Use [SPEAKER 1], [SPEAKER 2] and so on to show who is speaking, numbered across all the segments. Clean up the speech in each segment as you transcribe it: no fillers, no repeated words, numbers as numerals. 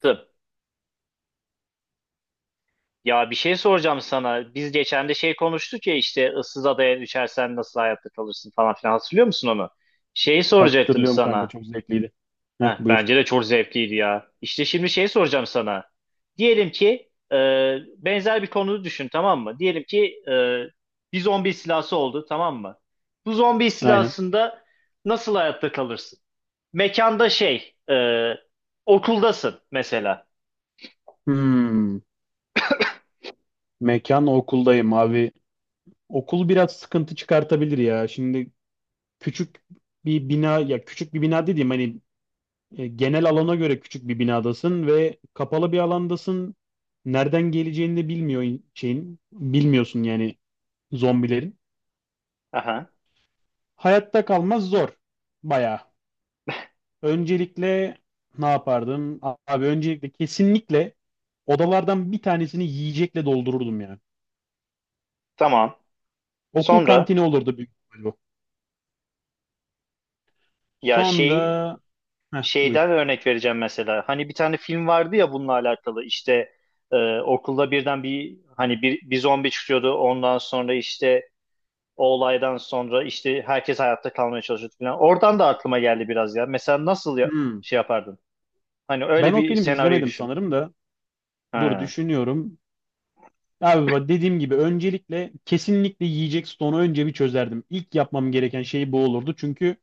[SPEAKER 1] Tıp. Ya bir şey soracağım sana. Biz geçen de şey konuştuk ya işte ıssız adaya düşersen nasıl hayatta kalırsın falan filan, hatırlıyor musun onu? Şeyi soracaktım
[SPEAKER 2] Hatırlıyorum kanka,
[SPEAKER 1] sana.
[SPEAKER 2] çok zevkliydi. Heh,
[SPEAKER 1] Heh,
[SPEAKER 2] buyur.
[SPEAKER 1] bence de çok zevkliydi ya. İşte şimdi şey soracağım sana. Diyelim ki benzer bir konuyu düşün, tamam mı? Diyelim ki bir zombi istilası oldu, tamam mı? Bu zombi
[SPEAKER 2] Aynen.
[SPEAKER 1] istilasında nasıl hayatta kalırsın? Mekanda şey okuldasın mesela.
[SPEAKER 2] Hmm, mekan okuldayım abi. Okul biraz sıkıntı çıkartabilir ya. Şimdi küçük bir bina, ya küçük bir bina dediğim hani genel alana göre küçük bir binadasın ve kapalı bir alandasın. Nereden geleceğini de bilmiyor şeyin. Bilmiyorsun yani zombilerin.
[SPEAKER 1] Aha,
[SPEAKER 2] Hayatta kalmaz, zor. Bayağı. Öncelikle ne yapardım? Abi öncelikle kesinlikle odalardan bir tanesini yiyecekle doldururdum ya.
[SPEAKER 1] tamam.
[SPEAKER 2] Okul
[SPEAKER 1] Sonra
[SPEAKER 2] kantini olurdu büyük ihtimal bu.
[SPEAKER 1] ya şey.
[SPEAKER 2] Sonra heh, buyur.
[SPEAKER 1] Şeyden örnek vereceğim mesela. Hani bir tane film vardı ya bununla alakalı. İşte okulda birden bir, hani bir zombi çıkıyordu. Ondan sonra işte o olaydan sonra işte herkes hayatta kalmaya çalışıyordu falan. Oradan da aklıma geldi biraz ya. Mesela nasıl
[SPEAKER 2] Hmm.
[SPEAKER 1] şey yapardın? Hani
[SPEAKER 2] Ben
[SPEAKER 1] öyle
[SPEAKER 2] o
[SPEAKER 1] bir
[SPEAKER 2] filmi
[SPEAKER 1] senaryoyu
[SPEAKER 2] izlemedim
[SPEAKER 1] düşün.
[SPEAKER 2] sanırım da. Dur
[SPEAKER 1] Ha.
[SPEAKER 2] düşünüyorum. Abi bak dediğim gibi öncelikle kesinlikle yiyecek stoğunu önce bir çözerdim. İlk yapmam gereken şey bu olurdu. Çünkü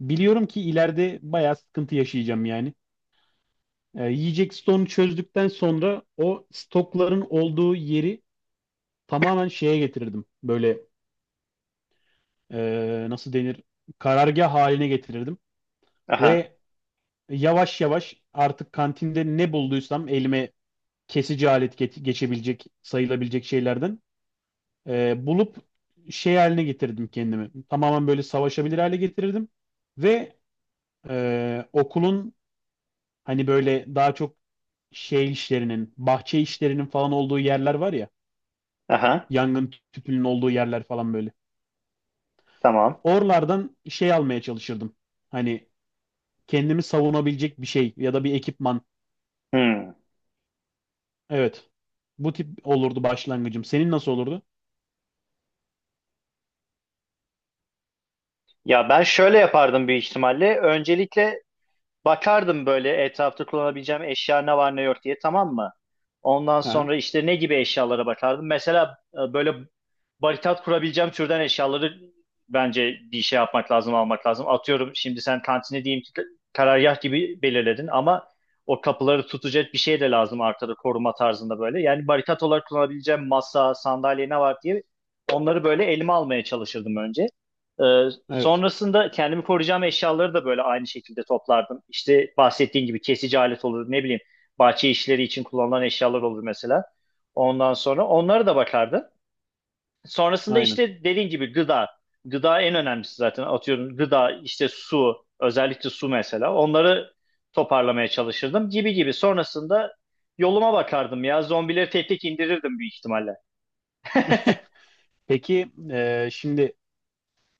[SPEAKER 2] biliyorum ki ileride bayağı sıkıntı yaşayacağım yani. Yiyecek stoğunu çözdükten sonra o stokların olduğu yeri tamamen şeye getirirdim. Böyle nasıl denir? Karargah haline getirirdim.
[SPEAKER 1] Aha.
[SPEAKER 2] Ve yavaş yavaş artık kantinde ne bulduysam elime kesici alet geçebilecek, sayılabilecek şeylerden bulup şey haline getirdim kendimi. Tamamen böyle savaşabilir hale getirirdim. Ve okulun hani böyle daha çok şey işlerinin, bahçe işlerinin falan olduğu yerler var ya.
[SPEAKER 1] Aha.
[SPEAKER 2] Yangın tüpünün olduğu yerler falan böyle.
[SPEAKER 1] Tamam.
[SPEAKER 2] Oralardan şey almaya çalışırdım. Hani kendimi savunabilecek bir şey ya da bir ekipman.
[SPEAKER 1] Hmm.
[SPEAKER 2] Evet. Bu tip olurdu başlangıcım. Senin nasıl olurdu?
[SPEAKER 1] Ya ben şöyle yapardım büyük ihtimalle. Öncelikle bakardım böyle etrafta kullanabileceğim eşya ne var ne yok diye, tamam mı? Ondan
[SPEAKER 2] Ha,
[SPEAKER 1] sonra işte ne gibi eşyalara bakardım. Mesela böyle barikat kurabileceğim türden eşyaları, bence bir şey yapmak lazım, almak lazım. Atıyorum şimdi sen kantini diyeyim ki karargah gibi belirledin ama o kapıları tutacak bir şey de lazım arkada, koruma tarzında böyle. Yani barikat olarak kullanabileceğim masa, sandalye ne var diye onları böyle elime almaya çalışırdım önce.
[SPEAKER 2] evet.
[SPEAKER 1] Sonrasında kendimi koruyacağım eşyaları da böyle aynı şekilde toplardım. İşte bahsettiğin gibi kesici alet olur, ne bileyim bahçe işleri için kullanılan eşyalar olur mesela. Ondan sonra onlara da bakardım. Sonrasında
[SPEAKER 2] Aynen.
[SPEAKER 1] işte dediğin gibi gıda. Gıda en önemlisi zaten, atıyorum gıda, işte su, özellikle su mesela, onları toparlamaya çalışırdım gibi gibi. Sonrasında yoluma bakardım ya, zombileri tek tek indirirdim büyük ihtimalle.
[SPEAKER 2] Peki şimdi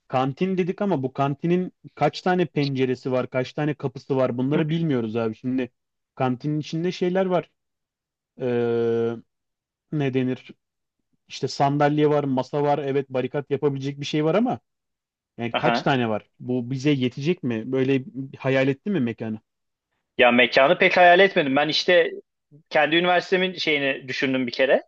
[SPEAKER 2] kantin dedik ama bu kantinin kaç tane penceresi var, kaç tane kapısı var, bunları bilmiyoruz abi. Şimdi kantinin içinde şeyler var. E, ne denir? İşte sandalye var, masa var. Evet, barikat yapabilecek bir şey var ama yani kaç
[SPEAKER 1] Aha.
[SPEAKER 2] tane var? Bu bize yetecek mi? Böyle hayal etti mi mekanı?
[SPEAKER 1] Ya mekanı pek hayal etmedim. Ben işte kendi üniversitemin şeyini düşündüm bir kere.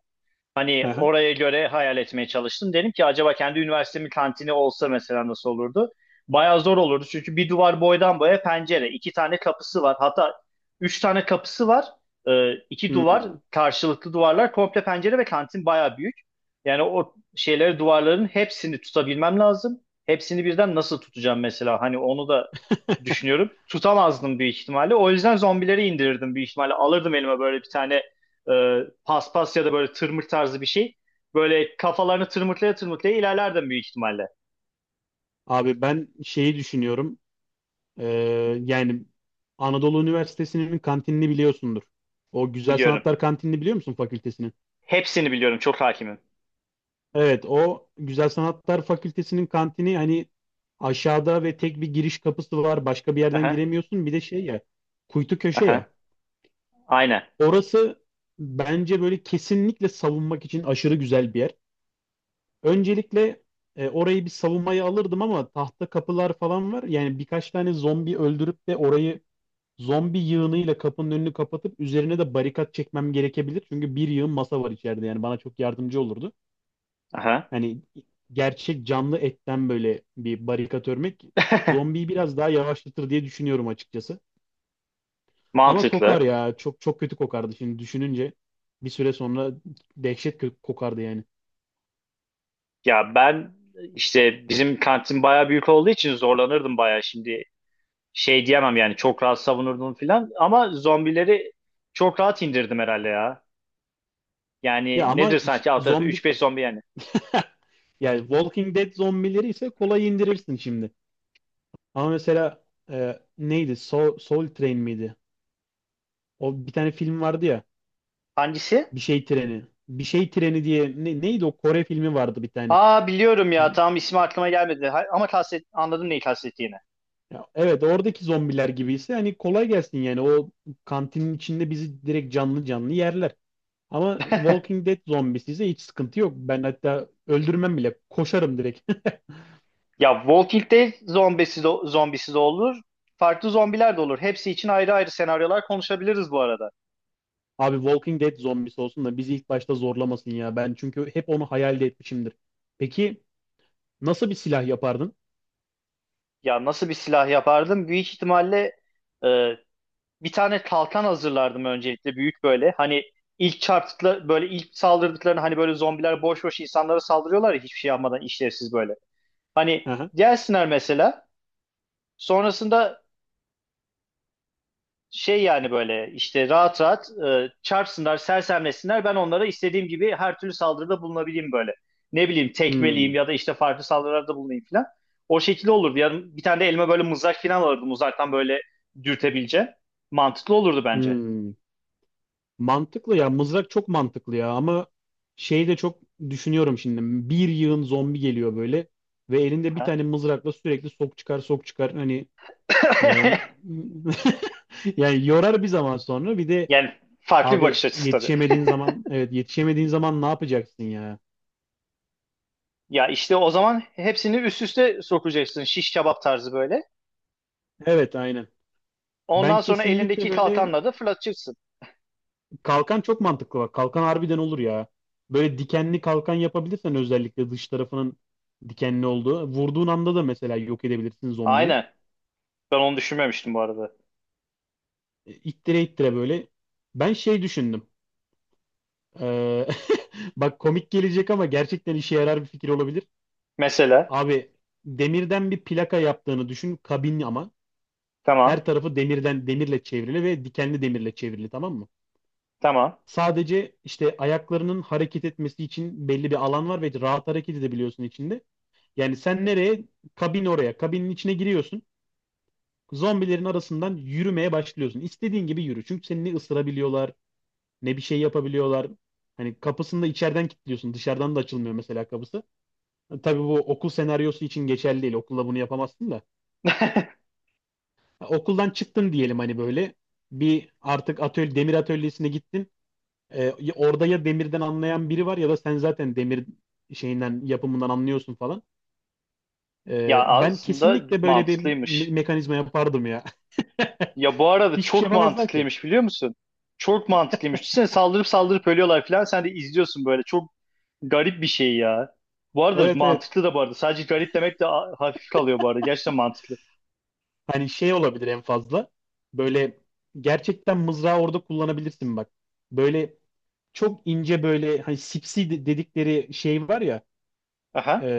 [SPEAKER 2] Hı
[SPEAKER 1] Hani
[SPEAKER 2] hı.
[SPEAKER 1] oraya göre hayal etmeye çalıştım. Dedim ki acaba kendi üniversitemin kantini olsa mesela nasıl olurdu? Bayağı zor olurdu, çünkü bir duvar boydan boya pencere, iki tane kapısı var. Hatta üç tane kapısı var. İki duvar,
[SPEAKER 2] Hmm.
[SPEAKER 1] karşılıklı duvarlar, komple pencere ve kantin bayağı büyük. Yani o şeyleri, duvarların hepsini tutabilmem lazım. Hepsini birden nasıl tutacağım mesela? Hani onu da düşünüyorum. Tutamazdım büyük ihtimalle. O yüzden zombileri indirirdim büyük ihtimalle. Alırdım elime böyle bir tane e, paspas ya da böyle tırmık tarzı bir şey. Böyle kafalarını tırmıklaya tırmıklaya ilerlerdim büyük ihtimalle.
[SPEAKER 2] Abi ben şeyi düşünüyorum. Ee, yani Anadolu Üniversitesi'nin kantinini biliyorsundur. O Güzel
[SPEAKER 1] Biliyorum.
[SPEAKER 2] Sanatlar kantinini biliyor musun fakültesinin?
[SPEAKER 1] Hepsini biliyorum. Çok hakimim.
[SPEAKER 2] Evet, o Güzel Sanatlar Fakültesinin kantini hani aşağıda ve tek bir giriş kapısı var. Başka bir yerden
[SPEAKER 1] Aha,
[SPEAKER 2] giremiyorsun. Bir de şey ya, kuytu köşe
[SPEAKER 1] aha,
[SPEAKER 2] ya.
[SPEAKER 1] aynen.
[SPEAKER 2] Orası bence böyle kesinlikle savunmak için aşırı güzel bir yer. Öncelikle orayı bir savunmaya alırdım ama tahta kapılar falan var. Yani birkaç tane zombi öldürüp de orayı zombi yığınıyla kapının önünü kapatıp üzerine de barikat çekmem gerekebilir. Çünkü bir yığın masa var içeride, yani bana çok yardımcı olurdu.
[SPEAKER 1] Aha.
[SPEAKER 2] Hani gerçek canlı etten böyle bir barikat örmek zombiyi biraz daha yavaşlatır diye düşünüyorum açıkçası. Ama kokar
[SPEAKER 1] Mantıklı.
[SPEAKER 2] ya, çok çok kötü kokardı şimdi düşününce, bir süre sonra dehşet kokardı yani.
[SPEAKER 1] Ya ben işte bizim kantin bayağı büyük olduğu için zorlanırdım bayağı şimdi. Şey diyemem yani, çok rahat savunurdum filan, ama zombileri çok rahat indirdim herhalde ya.
[SPEAKER 2] Ya
[SPEAKER 1] Yani
[SPEAKER 2] ama
[SPEAKER 1] nedir sanki, alt tarafı
[SPEAKER 2] zombi
[SPEAKER 1] 3-5 zombi yani.
[SPEAKER 2] yani Walking Dead zombileri ise kolay indirirsin şimdi. Ama mesela neydi? Soul, Soul Train miydi? O bir tane film vardı ya.
[SPEAKER 1] Hangisi?
[SPEAKER 2] Bir şey treni. Bir şey treni diye neydi o Kore filmi vardı bir tane.
[SPEAKER 1] Aa, biliyorum ya,
[SPEAKER 2] Z-
[SPEAKER 1] tam ismi aklıma gelmedi. Ama anladım neyi kastettiğini.
[SPEAKER 2] Ya evet, oradaki zombiler gibiyse hani kolay gelsin yani, o kantinin içinde bizi direkt canlı canlı yerler. Ama Walking Dead zombisi ise hiç sıkıntı yok. Ben hatta öldürmem bile. Koşarım direkt.
[SPEAKER 1] Ya Walking Dead zombisi de, zombisi de olur. Farklı zombiler de olur. Hepsi için ayrı ayrı senaryolar konuşabiliriz bu arada.
[SPEAKER 2] Abi Walking Dead zombisi olsun da bizi ilk başta zorlamasın ya. Ben çünkü hep onu hayal de etmişimdir. Peki nasıl bir silah yapardın?
[SPEAKER 1] Ya nasıl bir silah yapardım? Büyük ihtimalle e, bir tane kalkan hazırlardım öncelikle, büyük böyle. Hani ilk çarptıkları böyle, ilk saldırdıklarını, hani böyle zombiler boş boş insanlara saldırıyorlar ya, hiçbir şey yapmadan, işlevsiz böyle. Hani
[SPEAKER 2] Aha.
[SPEAKER 1] gelsinler mesela, sonrasında şey, yani böyle işte rahat rahat çarpsınlar, sersemlesinler. Ben onlara istediğim gibi her türlü saldırıda bulunabileyim böyle. Ne bileyim
[SPEAKER 2] Hmm,
[SPEAKER 1] tekmeleyeyim ya da işte farklı saldırılarda bulunayım falan. O şekilde olurdu. Yani bir tane de elime böyle mızrak falan alırdım. Uzaktan böyle dürtebileceğim. Mantıklı olurdu bence.
[SPEAKER 2] hmm. Mantıklı ya. Mızrak çok mantıklı ya ama şey de çok düşünüyorum şimdi. Bir yığın zombi geliyor böyle ve elinde bir
[SPEAKER 1] Ha?
[SPEAKER 2] tane mızrakla sürekli sok çıkar sok çıkar hani e, yani yorar bir zaman sonra, bir de
[SPEAKER 1] Yani farklı bir bakış
[SPEAKER 2] abi
[SPEAKER 1] açısı tabii.
[SPEAKER 2] yetişemediğin zaman, evet yetişemediğin zaman ne yapacaksın ya?
[SPEAKER 1] Ya işte o zaman hepsini üst üste sokacaksın. Şiş kebap tarzı böyle.
[SPEAKER 2] Evet aynen. Ben
[SPEAKER 1] Ondan sonra
[SPEAKER 2] kesinlikle
[SPEAKER 1] elindeki
[SPEAKER 2] böyle
[SPEAKER 1] kalkanla da fırlatacaksın.
[SPEAKER 2] kalkan çok mantıklı bak. Kalkan harbiden olur ya. Böyle dikenli kalkan yapabilirsen, özellikle dış tarafının dikenli olduğu. Vurduğun anda da mesela yok edebilirsin zombiyi.
[SPEAKER 1] Aynen. Ben onu düşünmemiştim bu arada.
[SPEAKER 2] İttire ittire böyle. Ben şey düşündüm. Ee, bak komik gelecek ama gerçekten işe yarar bir fikir olabilir.
[SPEAKER 1] Mesela.
[SPEAKER 2] Abi demirden bir plaka yaptığını düşün. Kabin ama.
[SPEAKER 1] Tamam.
[SPEAKER 2] Her tarafı demirden, demirle çevrili ve dikenli demirle çevrili, tamam mı?
[SPEAKER 1] Tamam.
[SPEAKER 2] Sadece işte ayaklarının hareket etmesi için belli bir alan var ve rahat hareket edebiliyorsun içinde. Yani sen nereye? Kabin oraya. Kabinin içine giriyorsun. Zombilerin arasından yürümeye başlıyorsun. İstediğin gibi yürü. Çünkü seni ne ısırabiliyorlar, ne bir şey yapabiliyorlar. Hani kapısını da içeriden kilitliyorsun. Dışarıdan da açılmıyor mesela kapısı. Tabii bu okul senaryosu için geçerli değil. Okulda bunu yapamazsın da. Ha, okuldan çıktın diyelim hani böyle. Bir artık atölye, demir atölyesine gittin. Orada ya demirden anlayan biri var ya da sen zaten demir şeyinden, yapımından anlıyorsun falan.
[SPEAKER 1] Ya
[SPEAKER 2] Ben
[SPEAKER 1] aslında
[SPEAKER 2] kesinlikle böyle bir
[SPEAKER 1] mantıklıymış.
[SPEAKER 2] mekanizma yapardım ya.
[SPEAKER 1] Ya bu arada
[SPEAKER 2] Hiçbir şey
[SPEAKER 1] çok
[SPEAKER 2] yapamazlar ki.
[SPEAKER 1] mantıklıymış, biliyor musun? Çok mantıklıymış. Düşünsene saldırıp saldırıp ölüyorlar falan. Sen de izliyorsun böyle. Çok garip bir şey ya. Bu arada
[SPEAKER 2] Evet, evet.
[SPEAKER 1] mantıklı da bu arada. Sadece garip demek de hafif kalıyor bu arada. Gerçekten mantıklı.
[SPEAKER 2] Hani şey olabilir en fazla. Böyle gerçekten mızrağı orada kullanabilirsin bak. Böyle çok ince, böyle hani sipsi dedikleri şey var ya, e,
[SPEAKER 1] Aha.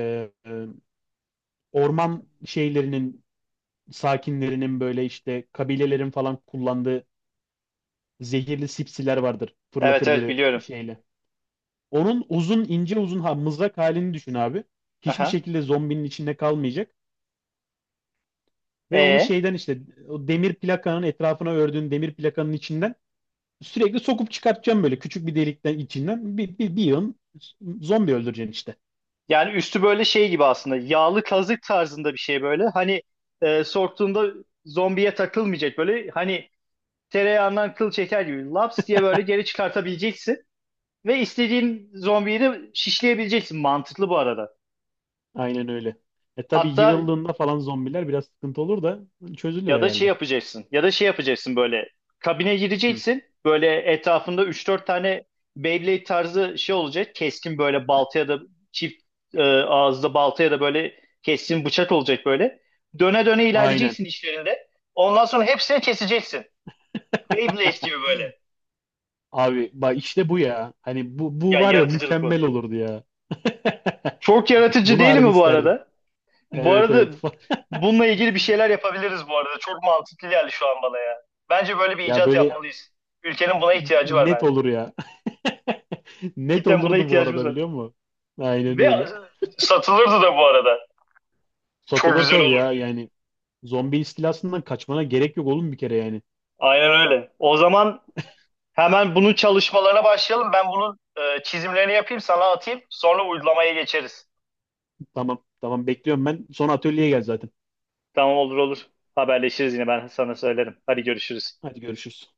[SPEAKER 2] e, orman şeylerinin, sakinlerinin, böyle işte kabilelerin falan kullandığı zehirli sipsiler vardır.
[SPEAKER 1] Evet,
[SPEAKER 2] Fırlatır
[SPEAKER 1] evet,
[SPEAKER 2] böyle
[SPEAKER 1] biliyorum.
[SPEAKER 2] şeyle. Onun uzun ince uzun, ha, mızrak halini düşün abi. Hiçbir
[SPEAKER 1] Aha.
[SPEAKER 2] şekilde zombinin içinde kalmayacak. Ve onu
[SPEAKER 1] E
[SPEAKER 2] şeyden, işte o demir plakanın etrafına ördüğün demir plakanın içinden sürekli sokup çıkartacağım böyle küçük bir delikten, içinden bir yığın zombi öldüreceksin işte.
[SPEAKER 1] yani üstü böyle şey gibi aslında. Yağlı kazık tarzında bir şey böyle. Hani soktuğunda zombiye takılmayacak böyle. Hani tereyağından kıl çeker gibi. Laps diye böyle geri çıkartabileceksin. Ve istediğin zombiyi de şişleyebileceksin. Mantıklı bu arada.
[SPEAKER 2] Aynen öyle. E tabii
[SPEAKER 1] Hatta,
[SPEAKER 2] yığıldığında falan zombiler biraz sıkıntı olur da çözülür
[SPEAKER 1] ya da şey
[SPEAKER 2] herhalde.
[SPEAKER 1] yapacaksın. Ya da şey yapacaksın böyle. Kabine
[SPEAKER 2] Hı.
[SPEAKER 1] gireceksin. Böyle etrafında üç dört tane Beyblade tarzı şey olacak. Keskin böyle balta ya da çift ağızda balta ya da böyle keskin bıçak olacak böyle. Döne döne
[SPEAKER 2] Aynen.
[SPEAKER 1] ilerleyeceksin işlerinde. Ondan sonra hepsini keseceksin. Beyblade gibi böyle.
[SPEAKER 2] Abi bak işte bu ya. Hani bu
[SPEAKER 1] Ya,
[SPEAKER 2] var ya,
[SPEAKER 1] yaratıcılık
[SPEAKER 2] mükemmel
[SPEAKER 1] bu.
[SPEAKER 2] olurdu ya.
[SPEAKER 1] Çok yaratıcı
[SPEAKER 2] Bunu
[SPEAKER 1] değil
[SPEAKER 2] harbi
[SPEAKER 1] mi bu
[SPEAKER 2] isterdim.
[SPEAKER 1] arada? Bu
[SPEAKER 2] Evet, evet.
[SPEAKER 1] arada bununla ilgili bir şeyler yapabiliriz bu arada. Çok mantıklı geldi şu an bana ya. Bence böyle bir
[SPEAKER 2] Ya
[SPEAKER 1] icat
[SPEAKER 2] böyle
[SPEAKER 1] yapmalıyız. Ülkenin buna ihtiyacı var
[SPEAKER 2] net
[SPEAKER 1] bence.
[SPEAKER 2] olur ya. Net
[SPEAKER 1] Cidden buna
[SPEAKER 2] olurdu bu
[SPEAKER 1] ihtiyacımız
[SPEAKER 2] arada,
[SPEAKER 1] var.
[SPEAKER 2] biliyor musun? Aynen
[SPEAKER 1] Ve
[SPEAKER 2] öyle.
[SPEAKER 1] satılırdı da bu arada. Çok
[SPEAKER 2] Satılır
[SPEAKER 1] güzel
[SPEAKER 2] tabii ya
[SPEAKER 1] olurdu.
[SPEAKER 2] yani. Zombi istilasından kaçmana gerek yok oğlum bir kere yani.
[SPEAKER 1] Aynen öyle. O zaman hemen bunun çalışmalarına başlayalım. Ben bunun çizimlerini yapayım, sana atayım. Sonra uygulamaya geçeriz.
[SPEAKER 2] Tamam, tamam, bekliyorum ben. Sonra atölyeye gel zaten.
[SPEAKER 1] Tamam, olur olur. Haberleşiriz, yine ben sana söylerim. Hadi görüşürüz.
[SPEAKER 2] Hadi görüşürüz.